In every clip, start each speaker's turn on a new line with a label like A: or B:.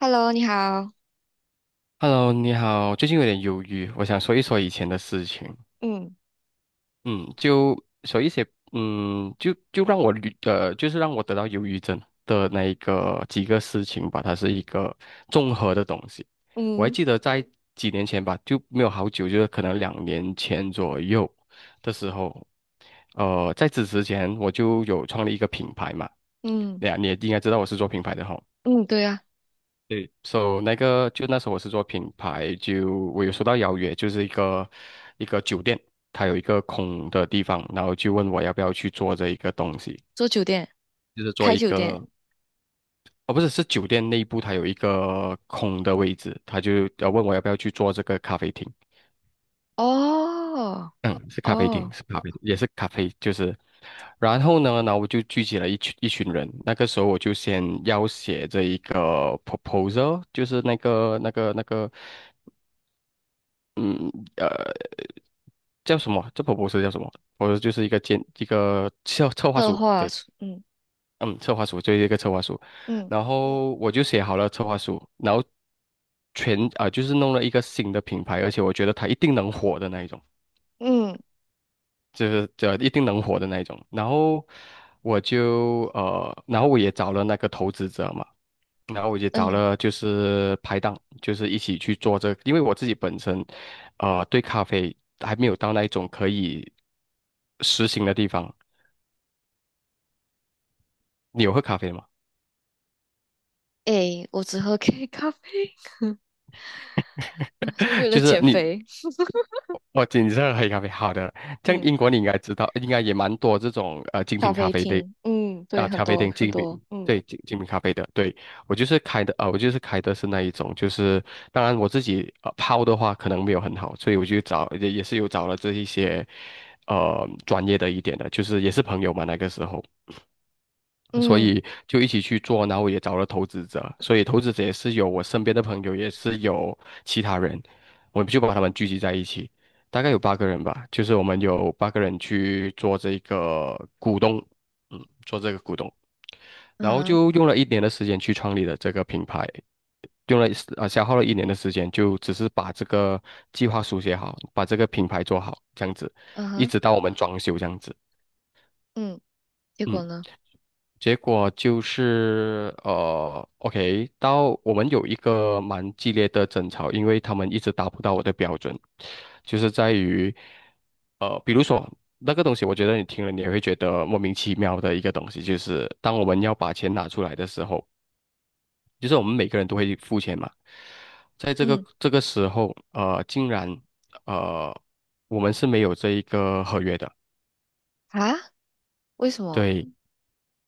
A: Hello，你好。
B: Hello，你好，最近有点忧郁，我想说一说以前的事情。
A: 嗯
B: 嗯，就说一些，就让我捋就是让我得到忧郁症的那一个几个事情吧，它是一个综合的东西。我还
A: 嗯
B: 记得在几年前吧，就没有好久，就是可能2年前左右的时候，在此之前我就有创立一个品牌嘛，
A: 嗯
B: 对呀，你也应该知道我是做品牌的哈。
A: 嗯，对啊，
B: 对，so 那个就那时候我是做品牌，就我有收到邀约，就是一个酒店，它有一个空的地方，然后就问我要不要去做这一个东西，
A: 做酒店，
B: 就是做
A: 开
B: 一
A: 酒店。
B: 个，哦不是，是酒店内部它有一个空的位置，他就要问我要不要去做这个咖啡厅，
A: 哦
B: 嗯，是咖啡厅，
A: 哦，
B: 是咖啡厅也是咖啡，就是，然后呢，然后我就聚集了一群一群人，那个时候我就先要写这一个 proposal，就是那个。嗯，呃。叫什么啊？这 p r o 叫什么？我说就是一个建一个策划
A: 策
B: 书，
A: 划
B: 对，
A: 出，嗯
B: 嗯，策划书就是一个策划书，
A: 嗯
B: 然后我就写好了策划书，然后就是弄了一个新的品牌，而且我觉得它一定能火的那一种，
A: 嗯，
B: 就是这一定能火的那一种。然后然后我也找了那个投资者嘛。然后我就找
A: 嗯，
B: 了就是拍档，就是一起去做这个因为我自己本身，对咖啡还没有到那一种可以实行的地方。你有喝咖啡吗？
A: 诶，我只喝 K 咖啡，是为 了
B: 就是
A: 减
B: 你
A: 肥。
B: 哦，精品黑咖啡，好的。像
A: 嗯，
B: 英国你应该知道，应该也蛮多这种精
A: 咖
B: 品咖
A: 啡
B: 啡店
A: 厅，嗯对，
B: 啊，
A: 很
B: 咖啡
A: 多
B: 店
A: 很
B: 精品，
A: 多。嗯
B: 对，精品咖啡的。对，我就是开的，啊，我就是开的是那一种，就是当然我自己泡的话可能没有很好，所以我就找也是有找了这一些专业的一点的，就是也是朋友嘛那个时候，所
A: 嗯
B: 以就一起去做，然后也找了投资者，所以投资者也是有我身边的朋友，也是有其他人，我们就把他们聚集在一起，大概有八个人吧，就是我们有八个人去做这个股东，做这个股东，然
A: 嗯
B: 后
A: 哼
B: 就用了一年的时间去创立了这个品牌，用了啊消耗了一年的时间，就只是把这个计划书写好，把这个品牌做好，这样子，
A: 嗯
B: 一
A: 哼，
B: 直到我们装修这样子。
A: 嗯，结
B: 嗯。
A: 果呢？
B: 结果就是OK，到我们有一个蛮激烈的争吵，因为他们一直达不到我的标准，就是在于比如说那个东西，我觉得你听了你也会觉得莫名其妙的一个东西，就是当我们要把钱拿出来的时候，就是我们每个人都会付钱嘛，在
A: 嗯，
B: 这个时候，竟然呃，我们是没有这一个合约的。
A: 啊，为什么？
B: 对，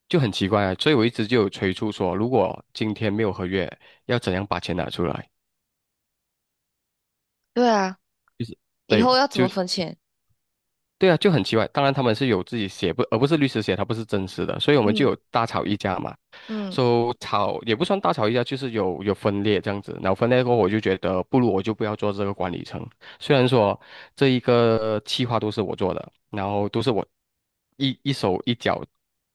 B: 就很奇怪啊。所以我一直就有催促说，如果今天没有合约，要怎样把钱拿出来？
A: 对啊，
B: 就是
A: 以后
B: 对，
A: 要怎
B: 就
A: 么分钱？
B: 对啊，就很奇怪。当然他们是有自己写不，而不是律师写，他不是真实的，所以我们就
A: 嗯
B: 有大吵一架嘛。
A: 嗯，
B: so, 吵也不算大吵一架，就是有分裂这样子。然后分裂过后，我就觉得不如我就不要做这个管理层，虽然说这一个企划都是我做的，然后都是我一手一脚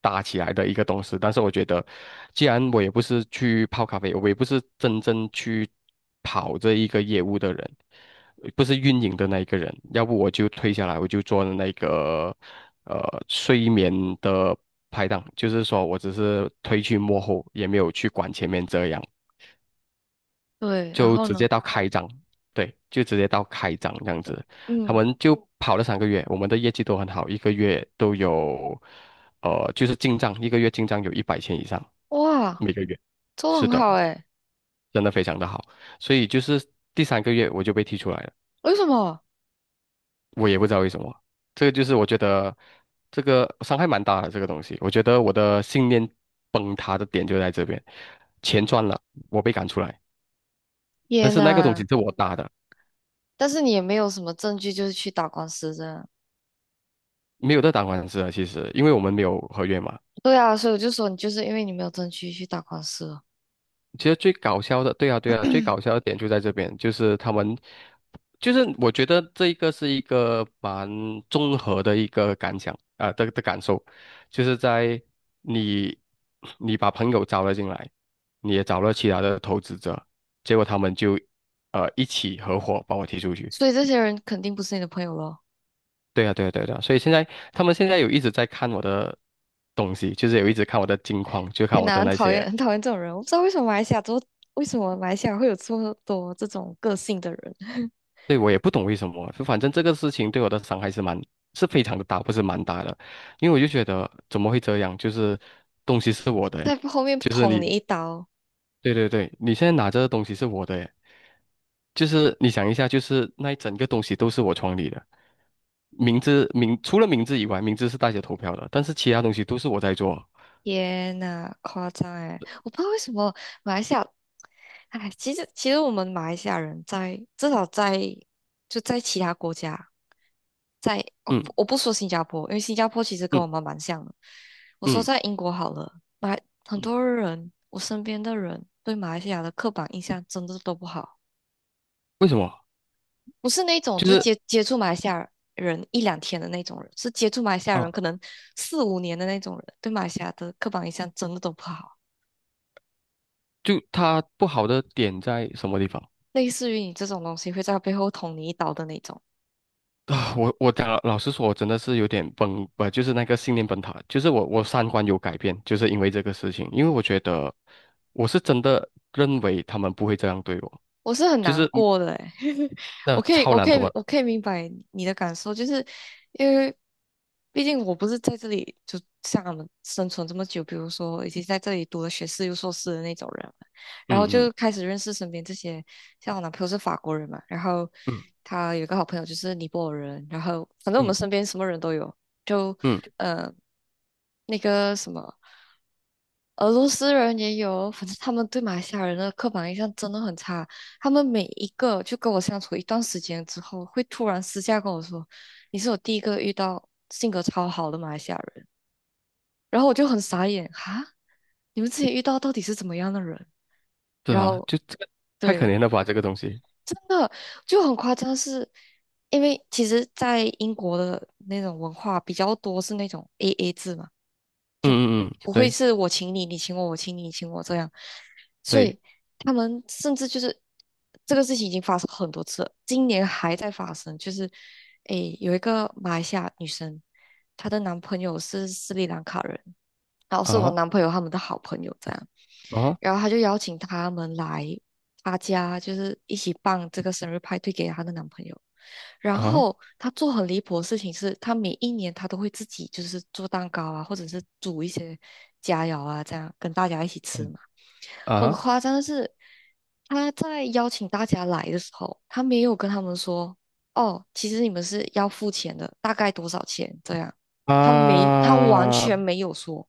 B: 搭起来的一个东西，但是我觉得，既然我也不是去泡咖啡，我也不是真正去跑这一个业务的人，不是运营的那一个人，要不我就退下来，我就做那个呃睡眠的拍档，就是说我只是推去幕后，也没有去管前面这样。
A: 对，然
B: 就
A: 后
B: 直
A: 呢？
B: 接到开张，对，就直接到开张这样子。他
A: 嗯，
B: 们就跑了三个月，我们的业绩都很好，一个月都有，就是进账，一个月进账有一百千以上，
A: 哇，
B: 每个月。
A: 做的
B: 是
A: 很
B: 的，
A: 好诶。
B: 真的非常的好。所以就是第三个月我就被踢出来了，
A: 为什么？
B: 我也不知道为什么。这个就是我觉得这个伤害蛮大的这个东西，我觉得我的信念崩塌的点就在这边，钱赚了，我被赶出来，但
A: 天
B: 是那个东
A: 呐，
B: 西是我搭的，
A: 但是你也没有什么证据，就是去打官司这样。
B: 没有在打官司啊，其实因为我们没有合约嘛。
A: 对啊，所以我就说你就是因为你没有证据去打官司了，
B: 其实最搞笑的，对啊，对啊，最 搞笑的点就在这边，就是他们，就是我觉得这一个是一个蛮综合的一个感想啊、的感受，就是在你你把朋友招了进来，你也找了其他的投资者，结果他们就一起合伙把我踢出去。
A: 所以这些人肯定不是你的朋友咯。
B: 对啊，对啊，对啊，对啊，所以现在他们现在有一直在看我的东西，就是有一直看我的近况，就看
A: 天
B: 我
A: 呐，
B: 的
A: 很
B: 那
A: 讨厌，
B: 些
A: 很讨厌这种人。我不知道为什么马来西亚会有这么多这种个性的人，
B: 对，我也不懂为什么，就反正这个事情对我的伤害是蛮，是非常的大，不是蛮大的，因为我就觉得怎么会这样？就是东西是我的 诶
A: 在后面
B: 就是
A: 捅
B: 你，
A: 你一刀。
B: 对对对，你现在拿着的东西是我的诶就是你想一下，就是那一整个东西都是我创立的，名字，除了名字以外，名字是大家投票的，但是其他东西都是我在做。
A: 天呐，夸张哎！我不知道为什么马来西亚，哎，其实我们马来西亚人在至少在就在其他国家，在
B: 嗯
A: 我不说新加坡，因为新加坡其实跟
B: 嗯
A: 我们蛮像的。我说
B: 嗯
A: 在英国好了，马很
B: 嗯，
A: 多人我身边的人对马来西亚的刻板印象真的都不好，
B: 为什么？
A: 不是那种
B: 就
A: 就
B: 是
A: 接触马来西亚人一两天的那种人，是接触马来西亚人
B: 啊，
A: 可能四五年的那种人，对马来西亚的刻板印象真的都不好。
B: 就它不好的点在什么地方？
A: 类似于你这种东西会在背后捅你一刀的那种。
B: 啊，我讲老实说，我真的是有点崩，不就是那个信念崩塌，就是我三观有改变，就是因为这个事情，因为我觉得我是真的认为他们不会这样对我，
A: 我是很
B: 就
A: 难
B: 是
A: 过的诶，我
B: 那
A: 可以，
B: 超
A: 我
B: 懒
A: 可以，
B: 惰，
A: 我可以明白你的感受，就是因为毕竟我不是在这里就像他们生存这么久，比如说已经在这里读了学士又硕士的那种人了然后
B: 嗯嗯
A: 就开始认识身边这些，像我男朋友是法国人嘛，然后
B: 嗯
A: 他有一个好朋友就是尼泊尔人，然后反正我们
B: 嗯
A: 身边什么人都有，就
B: 嗯，
A: 呃那个什么。俄罗斯人也有，反正他们对马来西亚人的刻板印象真的很差。他们每一个就跟我相处一段时间之后，会突然私下跟我说：“你是我第一个遇到性格超好的马来西亚人。”然后我就很傻眼，哈，你们之前遇到到底是怎么样的人？
B: 对
A: 然
B: 啊，
A: 后
B: 就这个太可
A: 对，
B: 怜了吧，这个东西，
A: 真的就很夸张是，因为其实，在英国的那种文化比较多是那种 AA 制嘛，就
B: 嗯嗯嗯，
A: 不会
B: 对
A: 是我请你，你请我，我请你，你请我这样，所
B: 对
A: 以他们甚至就是这个事情已经发生很多次了，今年还在发生，就是诶有一个马来西亚女生，她的男朋友是斯里兰卡人，然后是我
B: 啊
A: 男朋友他们的好朋友这样，
B: 啊
A: 然后他就邀请他们来他家，就是一起办这个生日派对给她的男朋友。然
B: 啊
A: 后她做很离谱的事情是，她每一年她都会自己就是做蛋糕啊，或者是煮一些佳肴啊，这样跟大家一起吃
B: 嗯
A: 嘛。很
B: 啊
A: 夸张的是，她在邀请大家来的时候，她没有跟他们说，哦，其实你们是要付钱的，大概多少钱这样，她完
B: 啊
A: 全没有说。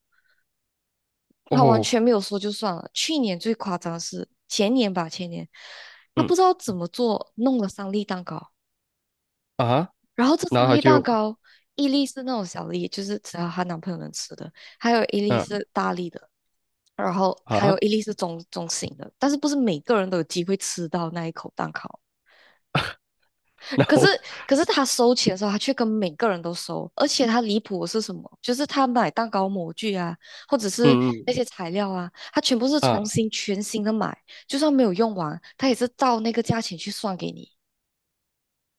A: 他完
B: 哦
A: 全没有说就算了。去年最夸张的是前年吧，前年他
B: 嗯
A: 不知道怎么做，弄了三粒蛋糕，
B: 啊，
A: 然后这
B: 然
A: 三
B: 后他
A: 粒
B: 就
A: 蛋糕，一粒是那种小粒，就是只要她男朋友能吃的，还有一粒
B: 嗯
A: 是大粒的，然后还
B: 啊，
A: 有一粒是中型的，但是不是每个人都有机会吃到那一口蛋糕。
B: 然
A: 可是，
B: 后
A: 可是，他收钱的时候，他却跟每个人都收，而且他离谱的是什么？就是他买蛋糕模具啊，或者是
B: 嗯
A: 那
B: 嗯。
A: 些材料啊，他全部是重
B: 啊。
A: 新全新的买，就算没有用完，他也是照那个价钱去算给你。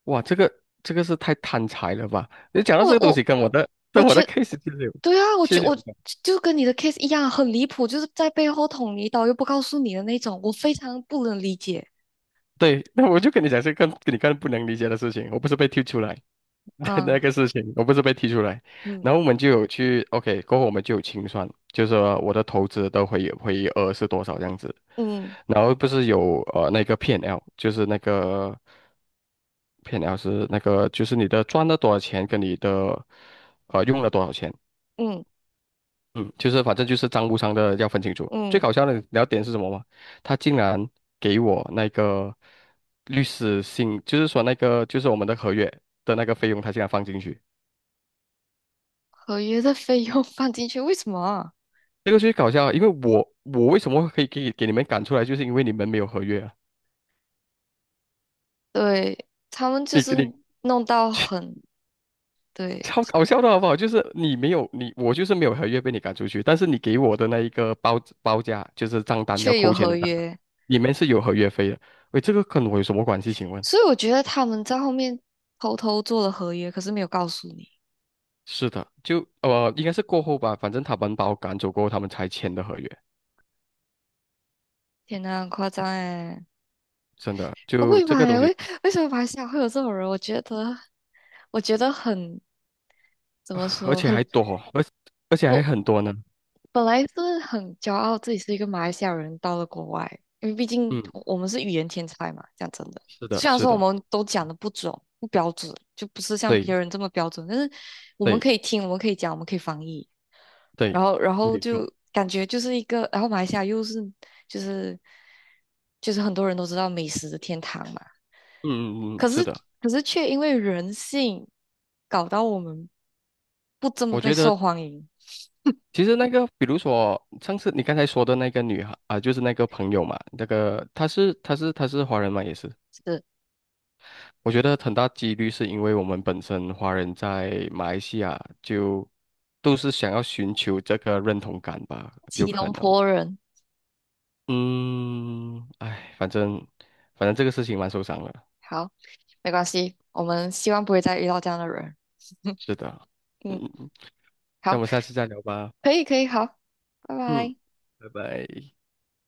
B: 哇，这个是太贪财了吧？你讲到
A: 我
B: 这个东西，
A: 我我
B: 跟我
A: 觉
B: 的
A: 得，
B: case 其实有，
A: 对啊，
B: 其实有
A: 我
B: 关。
A: 就跟你的 case 一样，很离谱，就是在背后捅你一刀又不告诉你的那种，我非常不能理解
B: 对，那我就跟你讲这个跟你更不能理解的事情，我不是被踢出来的 那
A: 啊，
B: 个事情，我不是被踢出来，
A: 嗯
B: 然后我们就有去 OK，过后我们就有清算，就是说我的投资的回额是多少这样子，
A: 嗯
B: 然后不是有那个 P&L，就是那个 P&L 是那个就是你的赚了多少钱跟你的用了多少钱。
A: 嗯
B: 嗯，就是反正就是账务上的要分清楚。最
A: 嗯，
B: 搞笑的聊点是什么吗？他竟然给我那个律师信，就是说那个就是我们的合约的那个费用，他竟然放进去。
A: 合约的费用放进去为什么啊
B: 这个最搞笑啊，因为我为什么可以给你们赶出来，就是因为你们没有合约啊。
A: 对，他们就是
B: 你
A: 弄到 很，对，
B: 超搞笑的好不好？就是你没有你我就是没有合约被你赶出去，但是你给我的那一个报价就是账单要
A: 确有
B: 扣钱
A: 合
B: 的账单，
A: 约，
B: 里面是有合约费的。喂，这个跟我有什么关系？请问？
A: 所以我觉得他们在后面偷偷做了合约，可是没有告诉你。
B: 是的，就，应该是过后吧，反正他们把我赶走过后，他们才签的合约，
A: 天呐，很夸张哎！
B: 真的，
A: 我不
B: 就
A: 明白
B: 这个东
A: 欸
B: 西，
A: 为什么马来西亚会有这种人，我觉得很怎么
B: 而
A: 说，
B: 且还多，而而且还
A: 我
B: 很多呢。
A: 本来是很骄傲自己是一个马来西亚人，到了国外，因为毕竟
B: 嗯，
A: 我们是语言天才嘛，讲真的。
B: 是的，
A: 虽然
B: 是
A: 说我
B: 的，
A: 们都讲的不准、不标准，就不是像
B: 对
A: 别人这么标准，但是我们
B: 对
A: 可以听，我们可以讲，我们可以翻译，
B: 对，
A: 然后
B: 没错。
A: 就感觉就是一个，然后马来西亚又是就是就是很多人都知道美食的天堂嘛，
B: 嗯嗯嗯，
A: 可
B: 是
A: 是
B: 的，
A: 可是却因为人性搞到我们不这么
B: 我
A: 被
B: 觉得
A: 受欢迎，
B: 其实那个，比如说上次你刚才说的那个女孩啊、就是那个朋友嘛，那个她是华人嘛，也是。
A: 是
B: 我觉得很大几率是因为我们本身华人在马来西亚就都是想要寻求这个认同感吧，有
A: 吉
B: 可
A: 隆
B: 能。
A: 坡人。
B: 嗯，哎，反正这个事情蛮受伤的。
A: 好，没关系，我们希望不会再遇到这样的人。
B: 是的，
A: 嗯，
B: 嗯，那我
A: 好，
B: 们下次再聊吧。
A: 可以，可以，好，拜
B: 嗯，
A: 拜。
B: 拜拜。